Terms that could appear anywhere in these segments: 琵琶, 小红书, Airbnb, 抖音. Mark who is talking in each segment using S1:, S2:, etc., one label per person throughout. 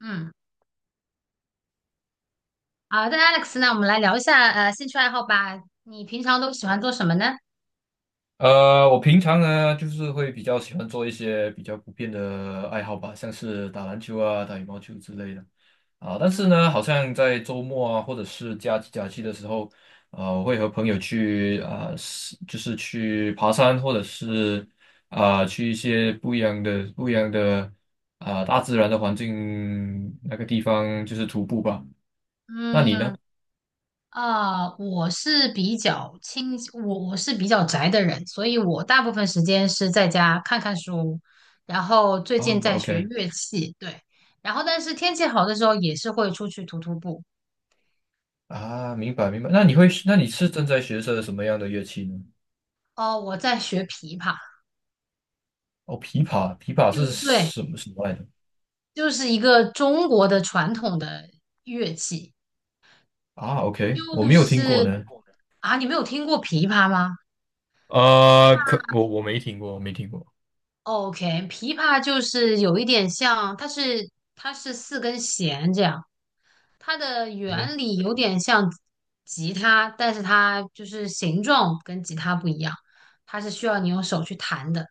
S1: 嗯，好的，Alex，那我们来聊一下兴趣爱好吧。你平常都喜欢做什么呢？
S2: 我平常呢，就是会比较喜欢做一些比较普遍的爱好吧，像是打篮球啊、打羽毛球之类的啊。但是
S1: 嗯
S2: 呢，好像在周末啊，或者是假期的时候，我会和朋友去就是去爬山，或者是去一些不一样的大自然的环境那个地方，就是徒步吧。那你
S1: 嗯，
S2: 呢？
S1: 我是比较宅的人，所以我大部分时间是在家看看书，然后最
S2: 啊
S1: 近在学
S2: ，OK。
S1: 乐器，对，然后但是天气好的时候也是会出去徒步。
S2: 啊，明白明白。那你是正在学着什么样的乐器呢？
S1: 哦，我在学琵琶，
S2: 哦，琵琶，琵琶是
S1: 就对，
S2: 什么什么来着？
S1: 就是一个中国的传统的乐器，
S2: 啊，OK，我
S1: 就
S2: 没有听过
S1: 是
S2: 呢。
S1: 啊，你没有听过琵琶吗？
S2: 可我
S1: 嗯
S2: 没听过，我没听过。
S1: ，OK，琵琶就是有一点像，它是四根弦这样，它的原理有点像吉他，但是它就是形状跟吉他不一样，它是需要你用手去弹的。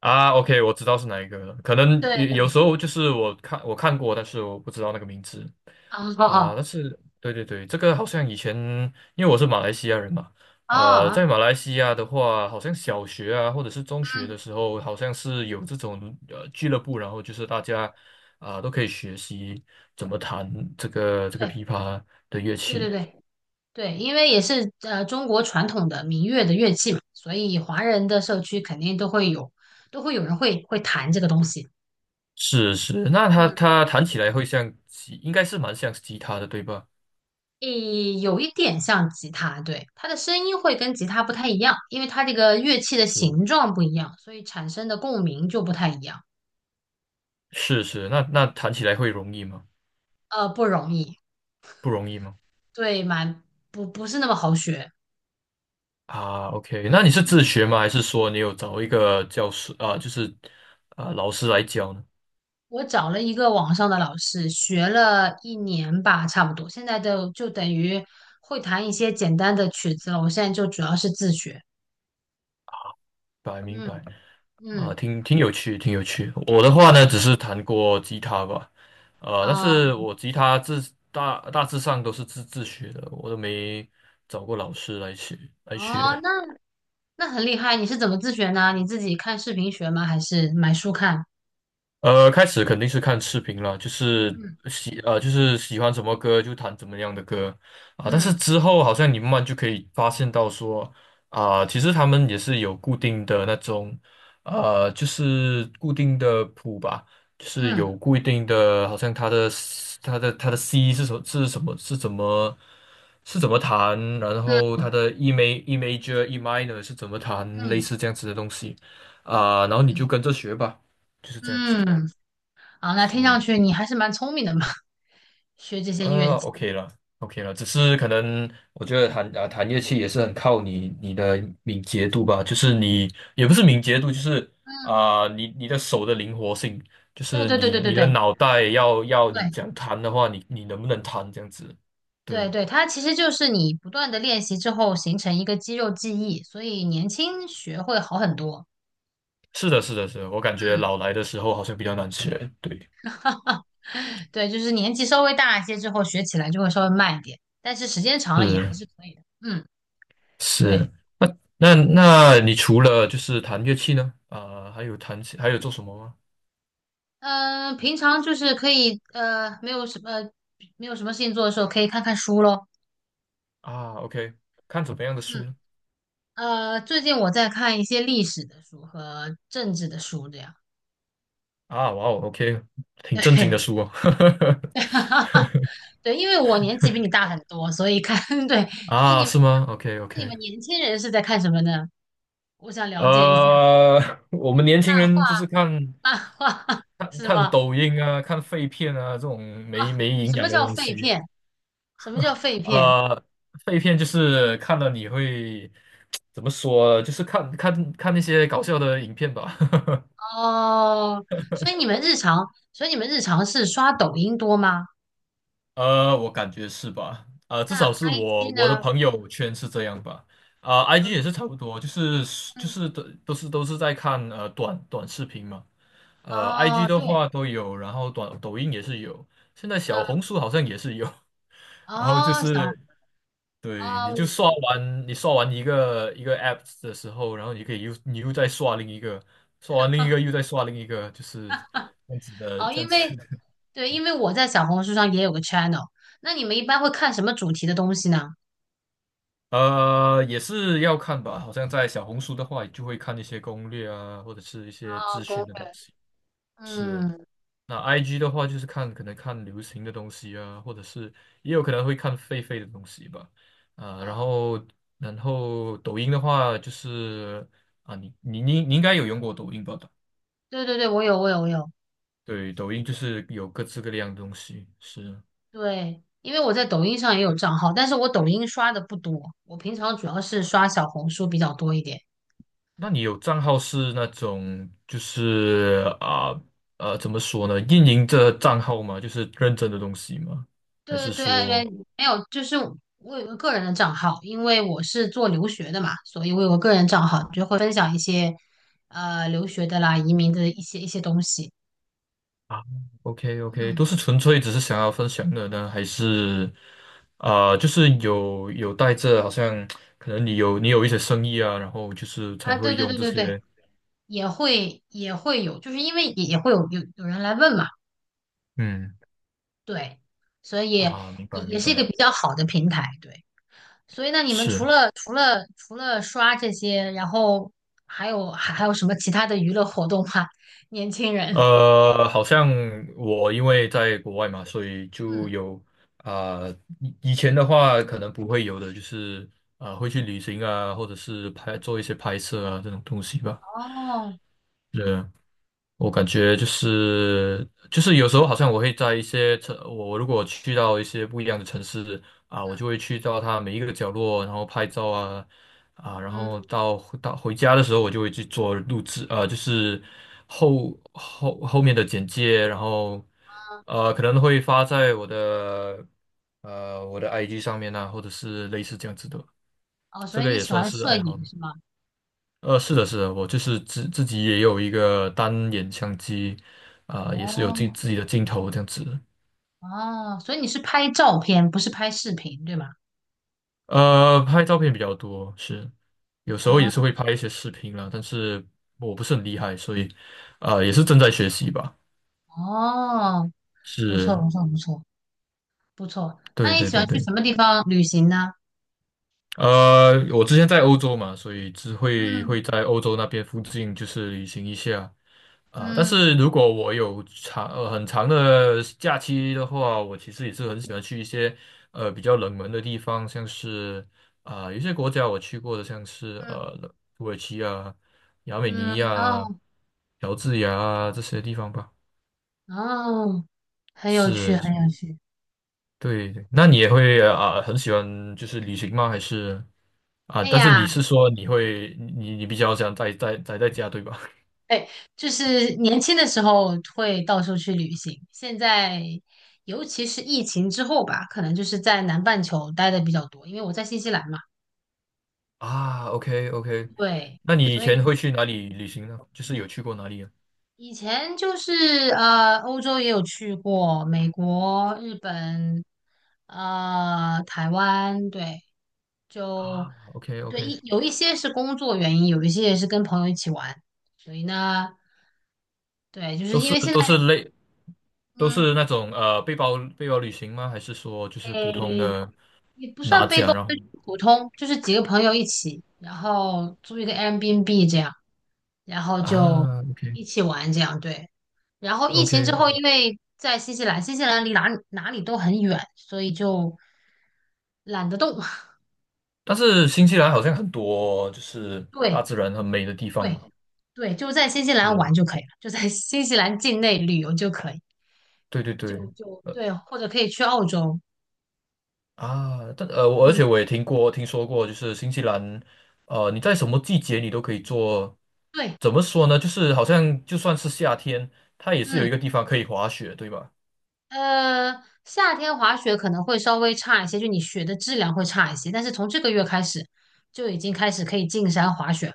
S2: 啊，OK，我知道是哪一个了。可能
S1: 对，
S2: 有时候就是我看过，但是我不知道那个名字
S1: 啊哦
S2: 啊。
S1: 哦
S2: 但是对对对，这个好像以前因为我是马来西亚人嘛。
S1: 哦，
S2: 在马来西亚的话，好像小学啊或者是中学
S1: 嗯，
S2: 的时候，好像是有这种俱乐部，然后就是大家都可以学习怎么弹这个琵
S1: 对
S2: 琶的乐
S1: 对对
S2: 器。
S1: 对对，因为也是中国传统的民乐的乐器嘛，所以华人的社区肯定都会有，都会有人会弹这个东西。
S2: 是是，那它
S1: 嗯。
S2: 它弹起来会应该是蛮像吉他的，对吧？
S1: 诶，有一点像吉他，对，它的声音会跟吉他不太一样，因为它这个乐器的
S2: 是。
S1: 形状不一样，所以产生的共鸣就不太一样。
S2: 是是，那弹起来会容易吗？
S1: 呃，不容易，
S2: 不容易吗？
S1: 对，蛮不是那么好学。
S2: 啊，OK，那你是自学吗？还是说你有找一个教师啊，就是老师来教呢？
S1: 我找了一个网上的老师，学了一年吧，差不多，现在就等于会弹一些简单的曲子了。我现在就主要是自学。
S2: 明白明白。
S1: 嗯
S2: 啊，
S1: 嗯，
S2: 挺有趣，挺有趣。我的话呢，
S1: 对，
S2: 只是弹过吉他吧。但
S1: 啊、
S2: 是我吉他大致上都是自学的，我都没找过老师来学来
S1: 哦，
S2: 学。
S1: 那很厉害，你是怎么自学呢？你自己看视频学吗？还是买书看？
S2: 开始肯定是看视频了，就是
S1: 嗯。
S2: 就是喜欢什么歌就弹怎么样的歌啊。但是
S1: 嗯
S2: 之后好像你慢慢就可以发现到说啊，其实他们也是有固定的那种就是固定的谱吧，就是
S1: 嗯
S2: 有固定的，好像它的 它的 C 是什么是怎么弹，然后
S1: 嗯
S2: 它的 E major E minor 是怎么弹，类
S1: 嗯
S2: 似这样子的东西啊，然后你就跟着学吧，就是这样子。
S1: 嗯，好，那听
S2: 是。
S1: 上去你还是蛮聪明的嘛，学这些乐器。
S2: OK 了，OK 了，只是可能我觉得弹乐器也是很靠你的敏捷度吧，就是你也不是敏捷度，就是
S1: 嗯，
S2: 你的手的灵活性，就
S1: 对
S2: 是
S1: 对对对
S2: 你
S1: 对
S2: 你的
S1: 对
S2: 脑袋要你
S1: 对
S2: 讲弹的话，你能不能弹这样子？
S1: 对
S2: 对，
S1: 对，它其实就是你不断的练习之后形成一个肌肉记忆，所以年轻学会好很多。
S2: 是的，是的，是的，我感觉
S1: 嗯，
S2: 老来的时候好像比较难学，对，
S1: 对，就是年纪稍微大一些之后学起来就会稍微慢一点，但是时间长了也还
S2: 是
S1: 是可以的。嗯，
S2: 是，
S1: 对，
S2: 那那那你除了就是弹乐器呢，还有还有做什么吗？
S1: 平常就是可以没有什么没有什么事情做的时候，可以看看书咯。
S2: 啊，OK，看怎么样的书
S1: 嗯。
S2: 呢？
S1: 呃，最近我在看一些历史的书和政治的书，这样。
S2: 啊，哇哦，OK，挺正经的
S1: 对，
S2: 书哦。
S1: 对，因为我年纪比你大很多，所以看，对，就是你
S2: 啊，
S1: 们
S2: 是吗？OK
S1: 你
S2: OK。
S1: 们年轻人是在看什么呢？我想了解一下，
S2: 呃，我们年轻
S1: 漫画，
S2: 人就是看
S1: 漫画
S2: 看
S1: 是
S2: 看
S1: 吗？
S2: 抖音啊，看废片啊，这种没
S1: 啊，
S2: 没营
S1: 什么
S2: 养的
S1: 叫
S2: 东
S1: 废
S2: 西。
S1: 片？什么叫废片？
S2: 呃，废片就是看了你会 怎么说？就是看那些搞笑的影片吧。
S1: 哦，所以你们日常，所以你们日常是刷抖音多吗？
S2: 我感觉是吧？至
S1: 那
S2: 少是我
S1: IG
S2: 我的
S1: 呢？
S2: 朋友圈是这样吧。IG 也
S1: 嗯
S2: 是差不多，就是就
S1: 嗯，
S2: 是都是在看短视频嘛。IG
S1: 哦，
S2: 的
S1: 对，
S2: 话都有，然后抖音也是有，现在小
S1: 嗯，
S2: 红书好像也是有。然后就
S1: 哦，小，
S2: 是，对，你
S1: 哦，
S2: 就刷完你刷完一个一个 app 的时候，然后你可以又再刷另一个，刷完另一个又 再刷另一个，就是这样子的，
S1: 哦，
S2: 这样
S1: 因
S2: 子。
S1: 为对，因为我在小红书上也有个 channel，那你们一般会看什么主题的东西呢？
S2: 也是要看吧，好像在小红书的话，就会看一些攻略啊，或者是一些
S1: 啊，
S2: 资
S1: 攻
S2: 讯的东
S1: 略，
S2: 西。是。
S1: 嗯，
S2: 那 IG 的话，就是可能看流行的东西啊，或者是也有可能会看狒狒的东西吧。啊、然
S1: 啊，
S2: 后然后抖音的话，就是你应该有用过抖音吧？
S1: 对对对，我有我有，
S2: 对，抖音就是有各式各样的东西。是。
S1: 对，因为我在抖音上也有账号，但是我抖音刷的不多，我平常主要是刷小红书比较多一点。
S2: 那你有账号是那种就是怎么说呢？运营这账号吗？就是认真的东西吗？还
S1: 对
S2: 是
S1: 对，哎哎
S2: 说
S1: 没有，就是我有个个人的账号，因为我是做留学的嘛，所以我有个个人账号，就会分享一些留学的啦、移民的一些东西。
S2: 啊，OK OK。
S1: 嗯，
S2: 都是纯粹只是想要分享的呢？还是就是有带着好像可能你有一些生意啊，然后就是
S1: 啊，
S2: 才
S1: 对
S2: 会
S1: 对
S2: 用
S1: 对
S2: 这
S1: 对对，
S2: 些
S1: 也会有，就是因为也会有有人来问嘛，
S2: 嗯
S1: 对，所以
S2: 明白
S1: 也
S2: 明
S1: 是一个
S2: 白，
S1: 比较好的平台，对。所以那你们
S2: 是。
S1: 除了刷这些，然后还有什么其他的娱乐活动吗？年轻人，
S2: 好像我因为在国外嘛，所以就
S1: 嗯，
S2: 有啊、以前的话可能不会有的，就是会去旅行啊，或者是做一些拍摄啊这种东西吧。
S1: 哦，
S2: 对，我感觉就是有时候好像我会在一些城，我如果去到一些不一样的城市，我就会去到它每一个角落，然后拍照啊，然
S1: 嗯，
S2: 后到回家的时候，我就会去做录制。就是后面的简介，然后可能会发在我的 IG 上面啊，或者是类似这样子的，
S1: 哦，所
S2: 这
S1: 以
S2: 个
S1: 你
S2: 也
S1: 喜
S2: 算
S1: 欢
S2: 是
S1: 摄
S2: 爱好。
S1: 影是吗？
S2: 是的，是的，我就是自己也有一个单眼相机，也是有
S1: 哦
S2: 自己的镜头这样子。
S1: 哦，所以你是拍照片，不是拍视频，对吗？
S2: 拍照片比较多。是，有时候也是
S1: 嗯，
S2: 会拍一些视频啦，但是我不是很厉害，所以，也是正在学习吧。
S1: 哦，不错
S2: 是，
S1: 不错不错不错。那
S2: 对
S1: 你
S2: 对
S1: 喜
S2: 对
S1: 欢去
S2: 对。
S1: 什么地方旅行呢？
S2: 我之前在欧洲嘛，所以只会
S1: 嗯
S2: 会在欧洲那边附近就是旅行一下。啊，但
S1: 嗯
S2: 是如果我有很长的假期的话，我其实也是很喜欢去一些比较冷门的地方，像是有些国家我去过的，像是
S1: 嗯
S2: 土耳其啊、亚美尼
S1: 嗯，
S2: 亚、
S1: 哦
S2: 乔治亚啊这些地方吧。
S1: 哦，很有趣，
S2: 是，是
S1: 很有趣。
S2: 对对。那你也会很喜欢就是旅行吗？还是
S1: 哎
S2: 但是你
S1: 呀，
S2: 是说你会你你比较想待在家对吧？
S1: 哎，就是年轻的时候会到处去旅行，现在尤其是疫情之后吧，可能就是在南半球待的比较多，因为我在新西兰嘛。
S2: 啊，OK OK。
S1: 对，
S2: 那你以
S1: 所
S2: 前
S1: 以
S2: 会去哪里旅行呢？就是有去过哪里啊？
S1: 以前就是欧洲也有去过，美国、日本，呃，台湾，对，就
S2: 啊，OK
S1: 对，一
S2: OK。
S1: 有一些是工作原因，有一些也是跟朋友一起玩，所以呢，对，就
S2: 都
S1: 是因
S2: 是
S1: 为现
S2: 都是
S1: 在，
S2: 类都
S1: 嗯，
S2: 是那种背包旅行吗？还是说就是普通
S1: 诶，
S2: 的
S1: 也不
S2: 拿
S1: 算背
S2: 奖
S1: 包，
S2: 然后
S1: 就是普通，就是几个朋友一起，然后租一个 Airbnb 这样，然后就
S2: OK
S1: 一起玩这样，对。然后疫
S2: OK
S1: 情之后，
S2: OK。
S1: 因为在新西兰，新西兰离哪里哪里都很远，所以就懒得动。
S2: 但是新西兰好像很多就是大
S1: 对
S2: 自然很美的地方
S1: 对
S2: 嘛。
S1: 对，就在新西兰玩
S2: 嗯，
S1: 就可以了，就在新西兰境内旅游就可以。
S2: 对对对。
S1: 就对，或者可以去澳洲。
S2: 而
S1: 嗯，
S2: 且我也听过、听说过，就是新西兰。你在什么季节你都可以做，
S1: 对，
S2: 怎么说呢？就是好像就算是夏天，它也是有
S1: 嗯，
S2: 一个地方可以滑雪，对吧？
S1: 呃，夏天滑雪可能会稍微差一些，就你雪的质量会差一些，但是从这个月开始就已经开始可以进山滑雪了。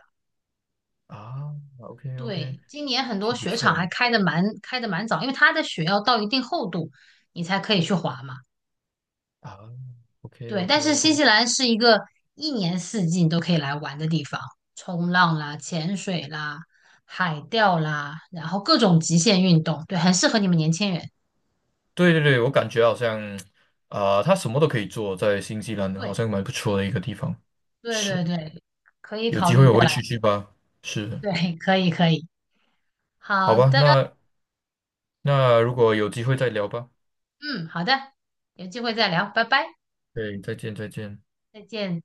S2: 啊，OK OK，
S1: 对，今年很多
S2: 挺不
S1: 雪场
S2: 错
S1: 还
S2: 的。
S1: 开的蛮早，因为它的雪要到一定厚度，你才可以去滑嘛。
S2: 啊，OK
S1: 对，但
S2: OK
S1: 是新
S2: OK。
S1: 西兰是一个一年四季你都可以来玩的地方，冲浪啦、潜水啦、海钓啦，然后各种极限运动，对，很适合你们年轻人。
S2: 对对对，我感觉好像它什么都可以做，在新西兰好
S1: 对。
S2: 像蛮不错的一个地方。
S1: 对
S2: 是，
S1: 对对，可以
S2: 有
S1: 考
S2: 机
S1: 虑
S2: 会
S1: 过
S2: 我会
S1: 来。
S2: 去去吧。是，
S1: 对，可以可以。
S2: 好
S1: 好
S2: 吧。
S1: 的，
S2: 那如果有机会再聊吧。
S1: 嗯，好的，有机会再聊，拜拜，
S2: 对，再见再见。
S1: 再见。